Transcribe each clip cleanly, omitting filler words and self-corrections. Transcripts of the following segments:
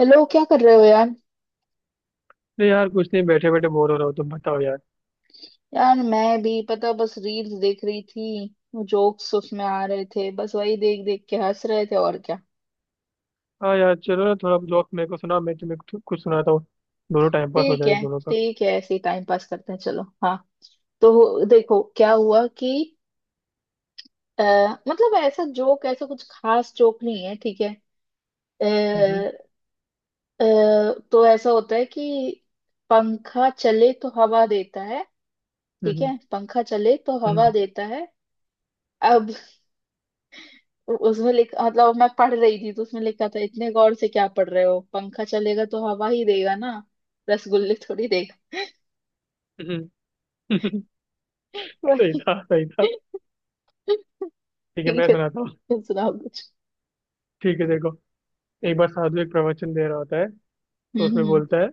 Hello, क्या कर रहे हो यार। नहीं यार, कुछ नहीं, बैठे बैठे बोर हो रहा हूँ। तुम बताओ यार। यार, मैं भी पता बस रील्स देख रही थी। जोक्स उसमें आ रहे थे, बस वही देख देख के हंस रहे थे, और क्या। हाँ यार, चलो ना, थोड़ा जोक मेरे को सुना। मैं तुम्हें कुछ कुछ सुनाता हूँ। दोनों टाइम पास हो ठीक जाएगा, है दोनों का। ठीक है, ऐसे ही टाइम पास करते हैं, चलो। हाँ, तो देखो क्या हुआ कि आ, मतलब ऐसा जोक, ऐसा कुछ खास जोक नहीं है, ठीक है। आ, हम्म। आ, तो ऐसा होता है कि पंखा चले तो हवा देता है। ठीक हम्म। है, पंखा चले तो हवा हम्म। देता है। अब उसमें लिखा, मतलब मैं पढ़ रही थी तो उसमें लिखा था, इतने गौर से क्या पढ़ रहे हो, पंखा चलेगा तो हवा ही देगा ना, रसगुल्ले थोड़ी देगा। हम्म। सही वही। था। सही था। ठीक है, ठीक मैं है, सुनाता हूँ। तुम सुनाओ कुछ। ठीक है, देखो। एक बार साधु एक प्रवचन दे रहा होता है। तो हम्म। उसमें हम्म। बोलता है,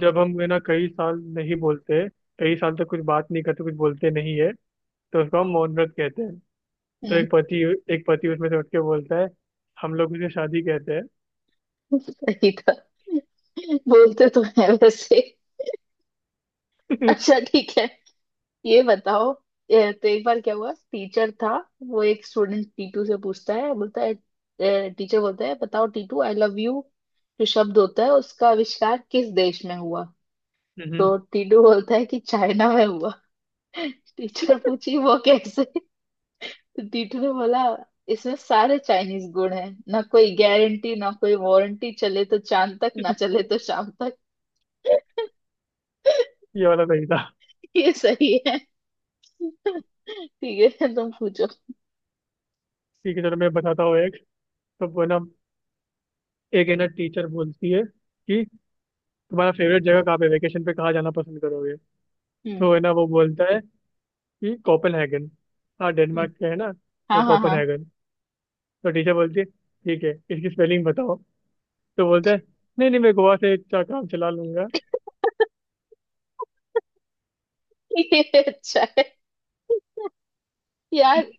जब हम है ना कई साल नहीं बोलते, कई साल तक कुछ बात नहीं करते, कुछ बोलते नहीं है, तो उसको हम मौन व्रत कहते हैं। तो हम्म, एक पति, एक पति उसमें से उठ के बोलता है, हम लोग उसे शादी कहते हैं। सही था। बोलते तो है वैसे। अच्छा ठीक है, ये बताओ। तो एक बार क्या हुआ, टीचर था, वो एक स्टूडेंट टीटू से पूछता है, बोलता है, टीचर बोलता है, बताओ टीटू, आई लव यू जो शब्द होता है, उसका आविष्कार किस देश में हुआ। हम्म। तो टीटू बोलता है कि चाइना में हुआ। टीचर पूछी वो कैसे। तो टीचर ने बोला, इसमें सारे चाइनीज गुण हैं। ना कोई गारंटी, ना कोई वारंटी, चले तो चांद तक, ना चले तो शाम तक। ये वाला सही था। ये सही है। ठीक है, तुम पूछो। ठीक है, चलो, मैं बताता हूँ एक। तो वो ना, एक है ना टीचर बोलती है कि तुम्हारा फेवरेट जगह कहाँ पे, वेकेशन पे कहाँ जाना पसंद करोगे? हम्म। तो है ना वो बोलता है कि कोपेनहेगन। हाँ, हम्म, डेनमार्क का है ना, वो हाँ हाँ हाँ। कोपेनहेगन। तो टीचर बोलती है, ठीक है, इसकी स्पेलिंग बताओ। तो बोलता है, नहीं नहीं, मैं गोवा से इतना काम चला लूंगा। ये अच्छा है यार।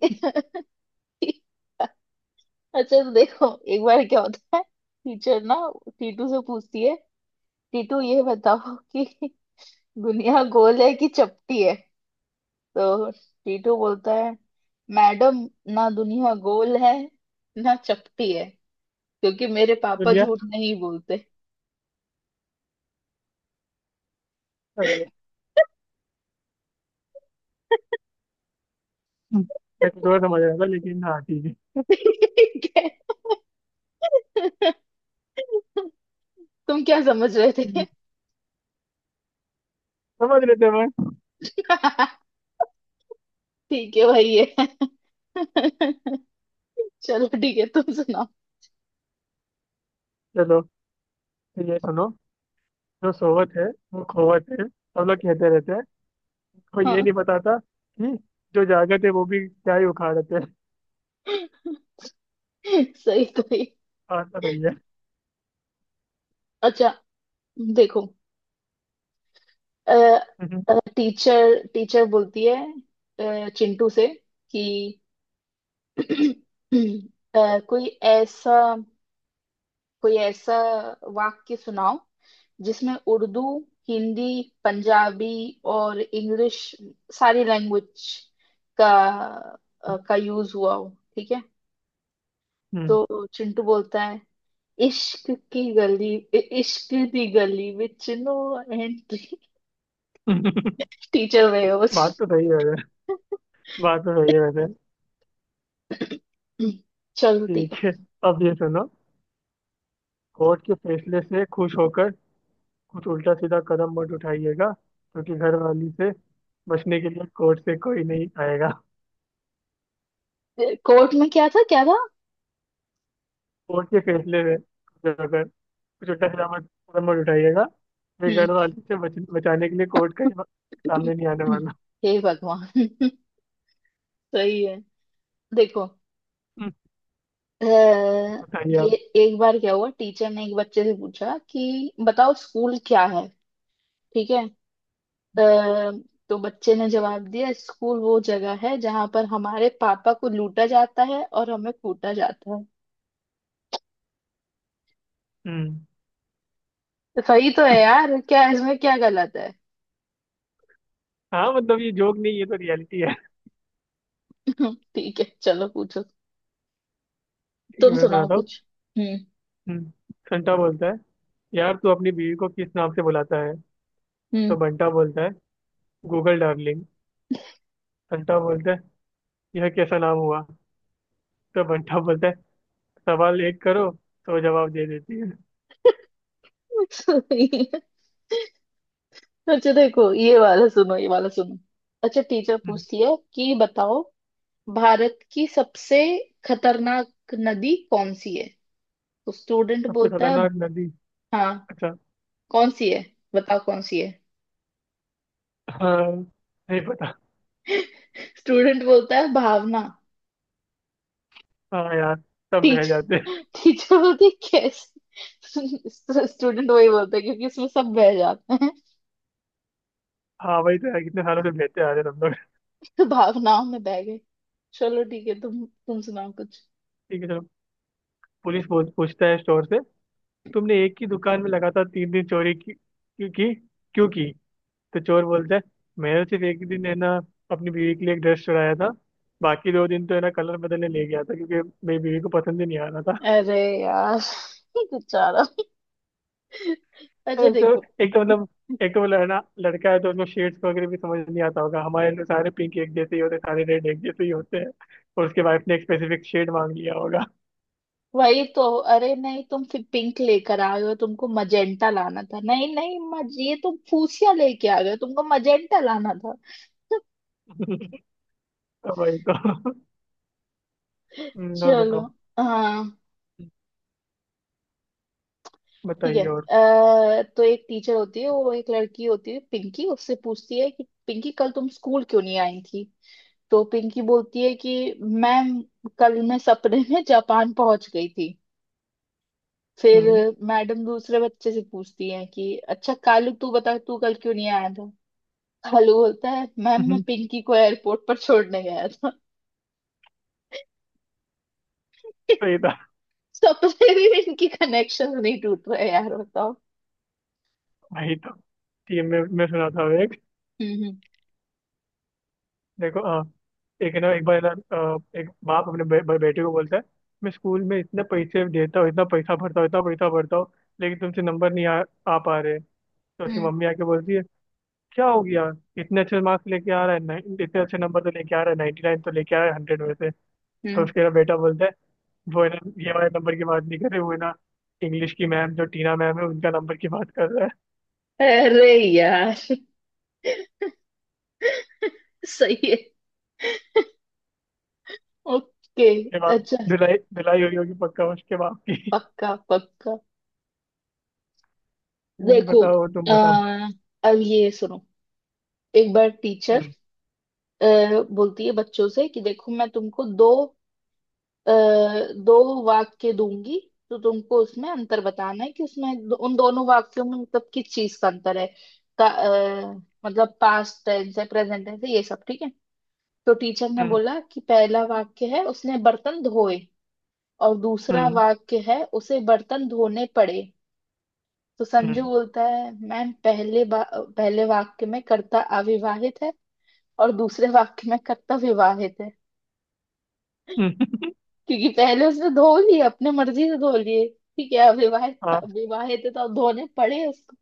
अच्छा, तो देखो, एक बार क्या होता है, टीचर ना टीटू से पूछती है, टीटू ये बताओ कि दुनिया गोल है कि चपटी है। तो टीटू बोलता है, मैडम ना दुनिया गोल है, ना चपटी है, क्योंकि मेरे पापा दुनिया झूठ नहीं बोलते। सही है। हम्म। मैं कुछ और समझ रहा था, लेकिन हाँ, ठीक ठीक है, तुम क्या समझ रहे है। थे। समझ लेते हैं मैं। ठीक है भाई, ये। चलो ठीक है, तुम सुनाओ। चलो, तो ये सुनो। जो सोवत है वो खोवत है, सब लोग कहते रहते हैं। कोई ये हाँ। नहीं बताता कि जो जागत है वो भी क्या ही उखाड़ते हैं। सही सही। बात तो सही है। अच्छा देखो, हम्म। टीचर टीचर बोलती है चिंटू से कि कोई ऐसा, कोई ऐसा वाक्य सुनाओ जिसमें उर्दू, हिंदी, पंजाबी और इंग्लिश, सारी लैंग्वेज का का यूज हुआ हो, ठीक है। हम्म। तो चिंटू बोलता है, इश्क की गली, इश्क दी गली विच नो एंट्री। टीचर वेयर्स बात तो सही है वैसे। बात तो सही है वैसे। चलती। ठीक है, अब ये सुनो। कोर्ट के फैसले से खुश होकर कुछ उल्टा सीधा कदम मत उठाइएगा, क्योंकि घर वाली से बचने के लिए कोर्ट से कोई नहीं आएगा। कोर्ट में क्या था क्या था। कोर्ट के फैसले से खुश होकर कुछ उल्टा सीधा मत, कदम मत उठाइएगा, फिर हम्म। घर वाली से बचाने के लिए कोर्ट का ही सामने नहीं आने वाला। हे भगवान। सही है। देखो हम्म। अ, बताइए ये, आप। एक बार क्या हुआ, टीचर ने एक बच्चे से पूछा कि बताओ स्कूल क्या है, ठीक है। अ, तो बच्चे ने जवाब दिया, स्कूल वो जगह है जहां पर हमारे पापा को लूटा जाता है और हमें कूटा जाता है। हम्म। तो सही तो है यार, क्या इसमें क्या गलत है। हाँ, मतलब ये जोक नहीं, ये तो रियलिटी है। ठीक है, चलो पूछो, ठीक है, तुम मैं सुनाओ सुनाता हूँ। कुछ। हम्म। हम्म। संता बोलता है, यार तू अपनी बीवी को किस नाम से बुलाता है? हम्म। तो बंटा बोलता है, गूगल डार्लिंग। बंटा बोलता है, यह कैसा नाम हुआ? तो बंटा बोलता है, सवाल एक करो तो जवाब दे देती है। सही है। अच्छा देखो, ये वाला सुनो, ये वाला सुनो। अच्छा, टीचर हम्म। पूछती है कि बताओ भारत की सबसे खतरनाक नदी कौन सी है। तो स्टूडेंट सबसे बोलता है। खतरनाक नदी। हाँ। अच्छा। कौन सी है, बताओ कौन सी है। हाँ। नहीं पता। स्टूडेंट बोलता है भावना। हाँ यार, सब बह टीच जाते हैं। टीचर बोलती है कैसे, स्टूडेंट वही बोलता है क्योंकि इसमें सब बह जाते हैं। हाँ, वही तो यार, कितने सालों से बहते आ रहे हैं हम लोग। तो भावनाओं में बह गए। चलो ठीक है, तुम सुनाओ कुछ। ठीक है, चलो। पुलिस पूछता है स्टोर से, तुमने एक ही दुकान में लगातार 3 दिन चोरी की, क्यों की? क्यों की? तो चोर बोलता है, मैंने सिर्फ एक दिन है ना अपनी बीवी के लिए एक ड्रेस चुराया था, बाकी 2 दिन तो है ना कलर बदलने ले गया था, क्योंकि मेरी बीवी को पसंद ही नहीं आ रहा था। अरे यार, बेचारा। अच्छा एक तो देखो। एक तो मतलब एक तो मतलब है ना, लड़का है तो उसको शेड्स वगैरह भी समझ नहीं आता होगा। हमारे तो सारे पिंक एक जैसे ही होते हैं, सारे रेड एक जैसे ही होते हैं। और उसके वाइफ ने एक स्पेसिफिक शेड मांग लिया होगा। वही तो। अरे नहीं, तुम फिर पिंक लेकर आए हो, तुमको मजेंटा लाना था, नहीं नहीं, मज ये तुम फूसिया लेके आ गए हो, तुमको मजेंटा लाना था। तो भाई तो, और चलो। बताओ। हाँ ठीक है, बताइए और। तो एक टीचर होती है, वो एक लड़की होती है पिंकी, उससे पूछती है कि पिंकी, कल तुम स्कूल क्यों नहीं आई थी। तो पिंकी बोलती है कि मैम, कल मैं सपने में जापान पहुंच गई थी। फिर हम्म। मैडम दूसरे बच्चे से पूछती है कि अच्छा कालू, तू बता तू कल क्यों नहीं आया था। हलू बोलता है, मैम मैं हम्म। पिंकी को एयरपोर्ट पर छोड़ने गया था। तो ये था। सबसे भी इनकी कनेक्शन नहीं टूट रहे यार, बताओ। भाई तो, ठीक है, मैं सुनाता हूँ एक। हम्म। देखो, एक ना, एक बार ना, एक बाप अपने बे, बे- बेटे को बोलता है, मैं स्कूल में इतने पैसे देता हूँ, इतना पैसा भरता हूँ, इतना पैसा भरता हूँ, लेकिन तुमसे नंबर नहीं आ पा रहे। तो उसकी हम्म मम्मी आके बोलती है, क्या हो गया? इतने अच्छे मार्क्स लेके आ रहा है, इतने अच्छे नंबर तो लेके आ रहा है, 99 तो लेके आ रहा है 100 में से। तो हम्म। उसके ना बेटा बोलता है, वो है ना, ये वाले नंबर की बात नहीं कर रहे, वो है ना इंग्लिश की मैम जो टीना मैम है, उनका नंबर की बात कर रहा है। अरे यार। सही है। ओके। ये बात। अच्छा। धुलाई धुलाई हुई होगी पक्का उसके बाप की। पक्का पक्का। हम्म। देखो, बताओ, तुम आ, बताओ। अब ये सुनो, एक बार टीचर हम्म। बोलती है बच्चों से कि देखो मैं तुमको दो, अ, दो वाक्य दूंगी, तो तुमको उसमें अंतर बताना है कि उसमें उन दोनों वाक्यों में मतलब किस चीज का अंतर है, का, अ, मतलब पास्ट टेंस है प्रेजेंट टेंस है ये सब, ठीक है। तो टीचर ने हम्म। बोला कि पहला वाक्य है, उसने बर्तन धोए, और दूसरा हम्म। वाक्य है, उसे बर्तन धोने पड़े। तो संजू हम्म। बोलता है, मैम पहले वाक्य में कर्ता अविवाहित है और दूसरे वाक्य में कर्ता विवाहित है। हम्म। क्योंकि पहले उसने धो लिए, अपने मर्जी से धो लिए, ठीक है, अविवाहित था, हाँ, विवाहित है तो अब धोने पड़े उसको।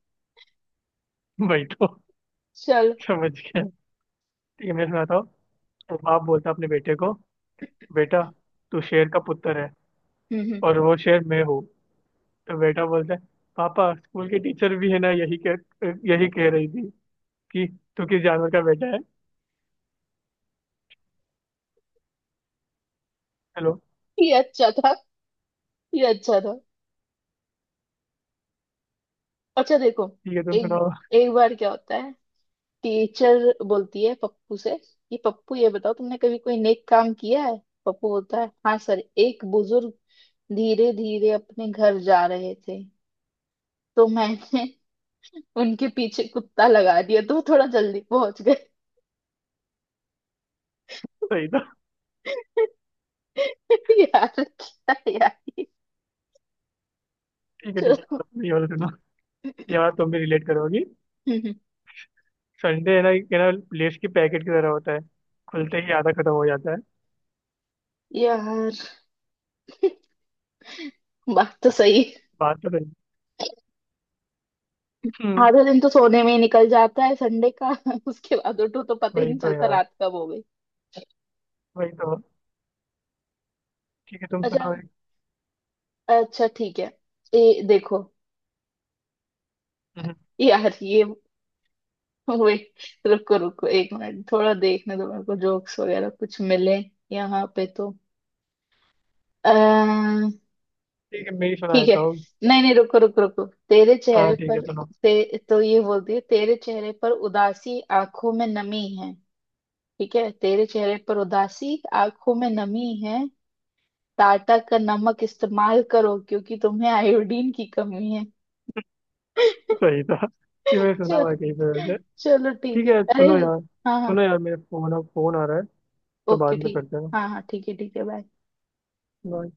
भाई तो चल। समझ गया। ठीक है, मैं सुनाता हूँ। तो बाप बोलता है अपने बेटे को, बेटा, तू शेर का पुत्र है हम्म। और वो शेर मैं हूँ। तो बेटा बोलता है, पापा स्कूल की टीचर भी है ना, यही कह रही थी कि तू किस जानवर का बेटा है। चलो। ये अच्छा था, ये अच्छा था। अच्छा देखो, ठीक है, तुम सुनाओ। एक एक बार क्या होता है, टीचर बोलती है पप्पू से कि पप्पू, ये बताओ तुमने कभी कोई नेक काम किया है। पप्पू बोलता है, हाँ सर, एक बुजुर्ग धीरे धीरे अपने घर जा रहे थे, तो मैंने उनके पीछे कुत्ता लगा दिया तो वो थोड़ा जल्दी पहुंच गए। सही था। यार, क्या यार। ठीक है, ठीक है, चलो। और ये वाला सुनो। ये वाला तुम भी रिलेट करोगी। संडे है ना, ये ना लेस की पैकेट की तरह होता है, खुलते ही आधा खत्म हो जाता है। यार बात तो सही है। बात तो सही। हम्म। आधा दिन तो सोने में ही निकल जाता है संडे का, उसके बाद उठो तो पता ही वही नहीं तो चलता यार, रात कब हो गई। वही तो। ठीक है, तुम अच्छा। सुनाओ एक। अच्छा ठीक है, ये देखो। हम्म। यार ये। वेट, रुको रुको एक मिनट, थोड़ा देखने दो मेरे को जोक्स वगैरह कुछ मिले यहाँ पे तो। अः ठीक है, मैं ही सुना ठीक है। देता हूँ। नहीं नहीं, रुको रुको रुको तेरे हाँ, चेहरे ठीक है, पर, सुनो। तो ये बोलती है, तेरे चेहरे पर उदासी आंखों में नमी है, ठीक है, तेरे चेहरे पर उदासी आंखों में नमी है, टाटा का नमक इस्तेमाल करो क्योंकि तुम्हें आयोडीन की कमी है। सही था, ये मैंने सुना हुआ चल। है कहीं पे वैसे। चलो ठीक ठीक है। है, अरे सुनो यार। हाँ हाँ। सुनो यार, मेरे फोन फोन आ रहा है, तो बाद ओके में ठीक। करते हैं। हाँ हाँ ठीक है ठीक है, बाय। बाय।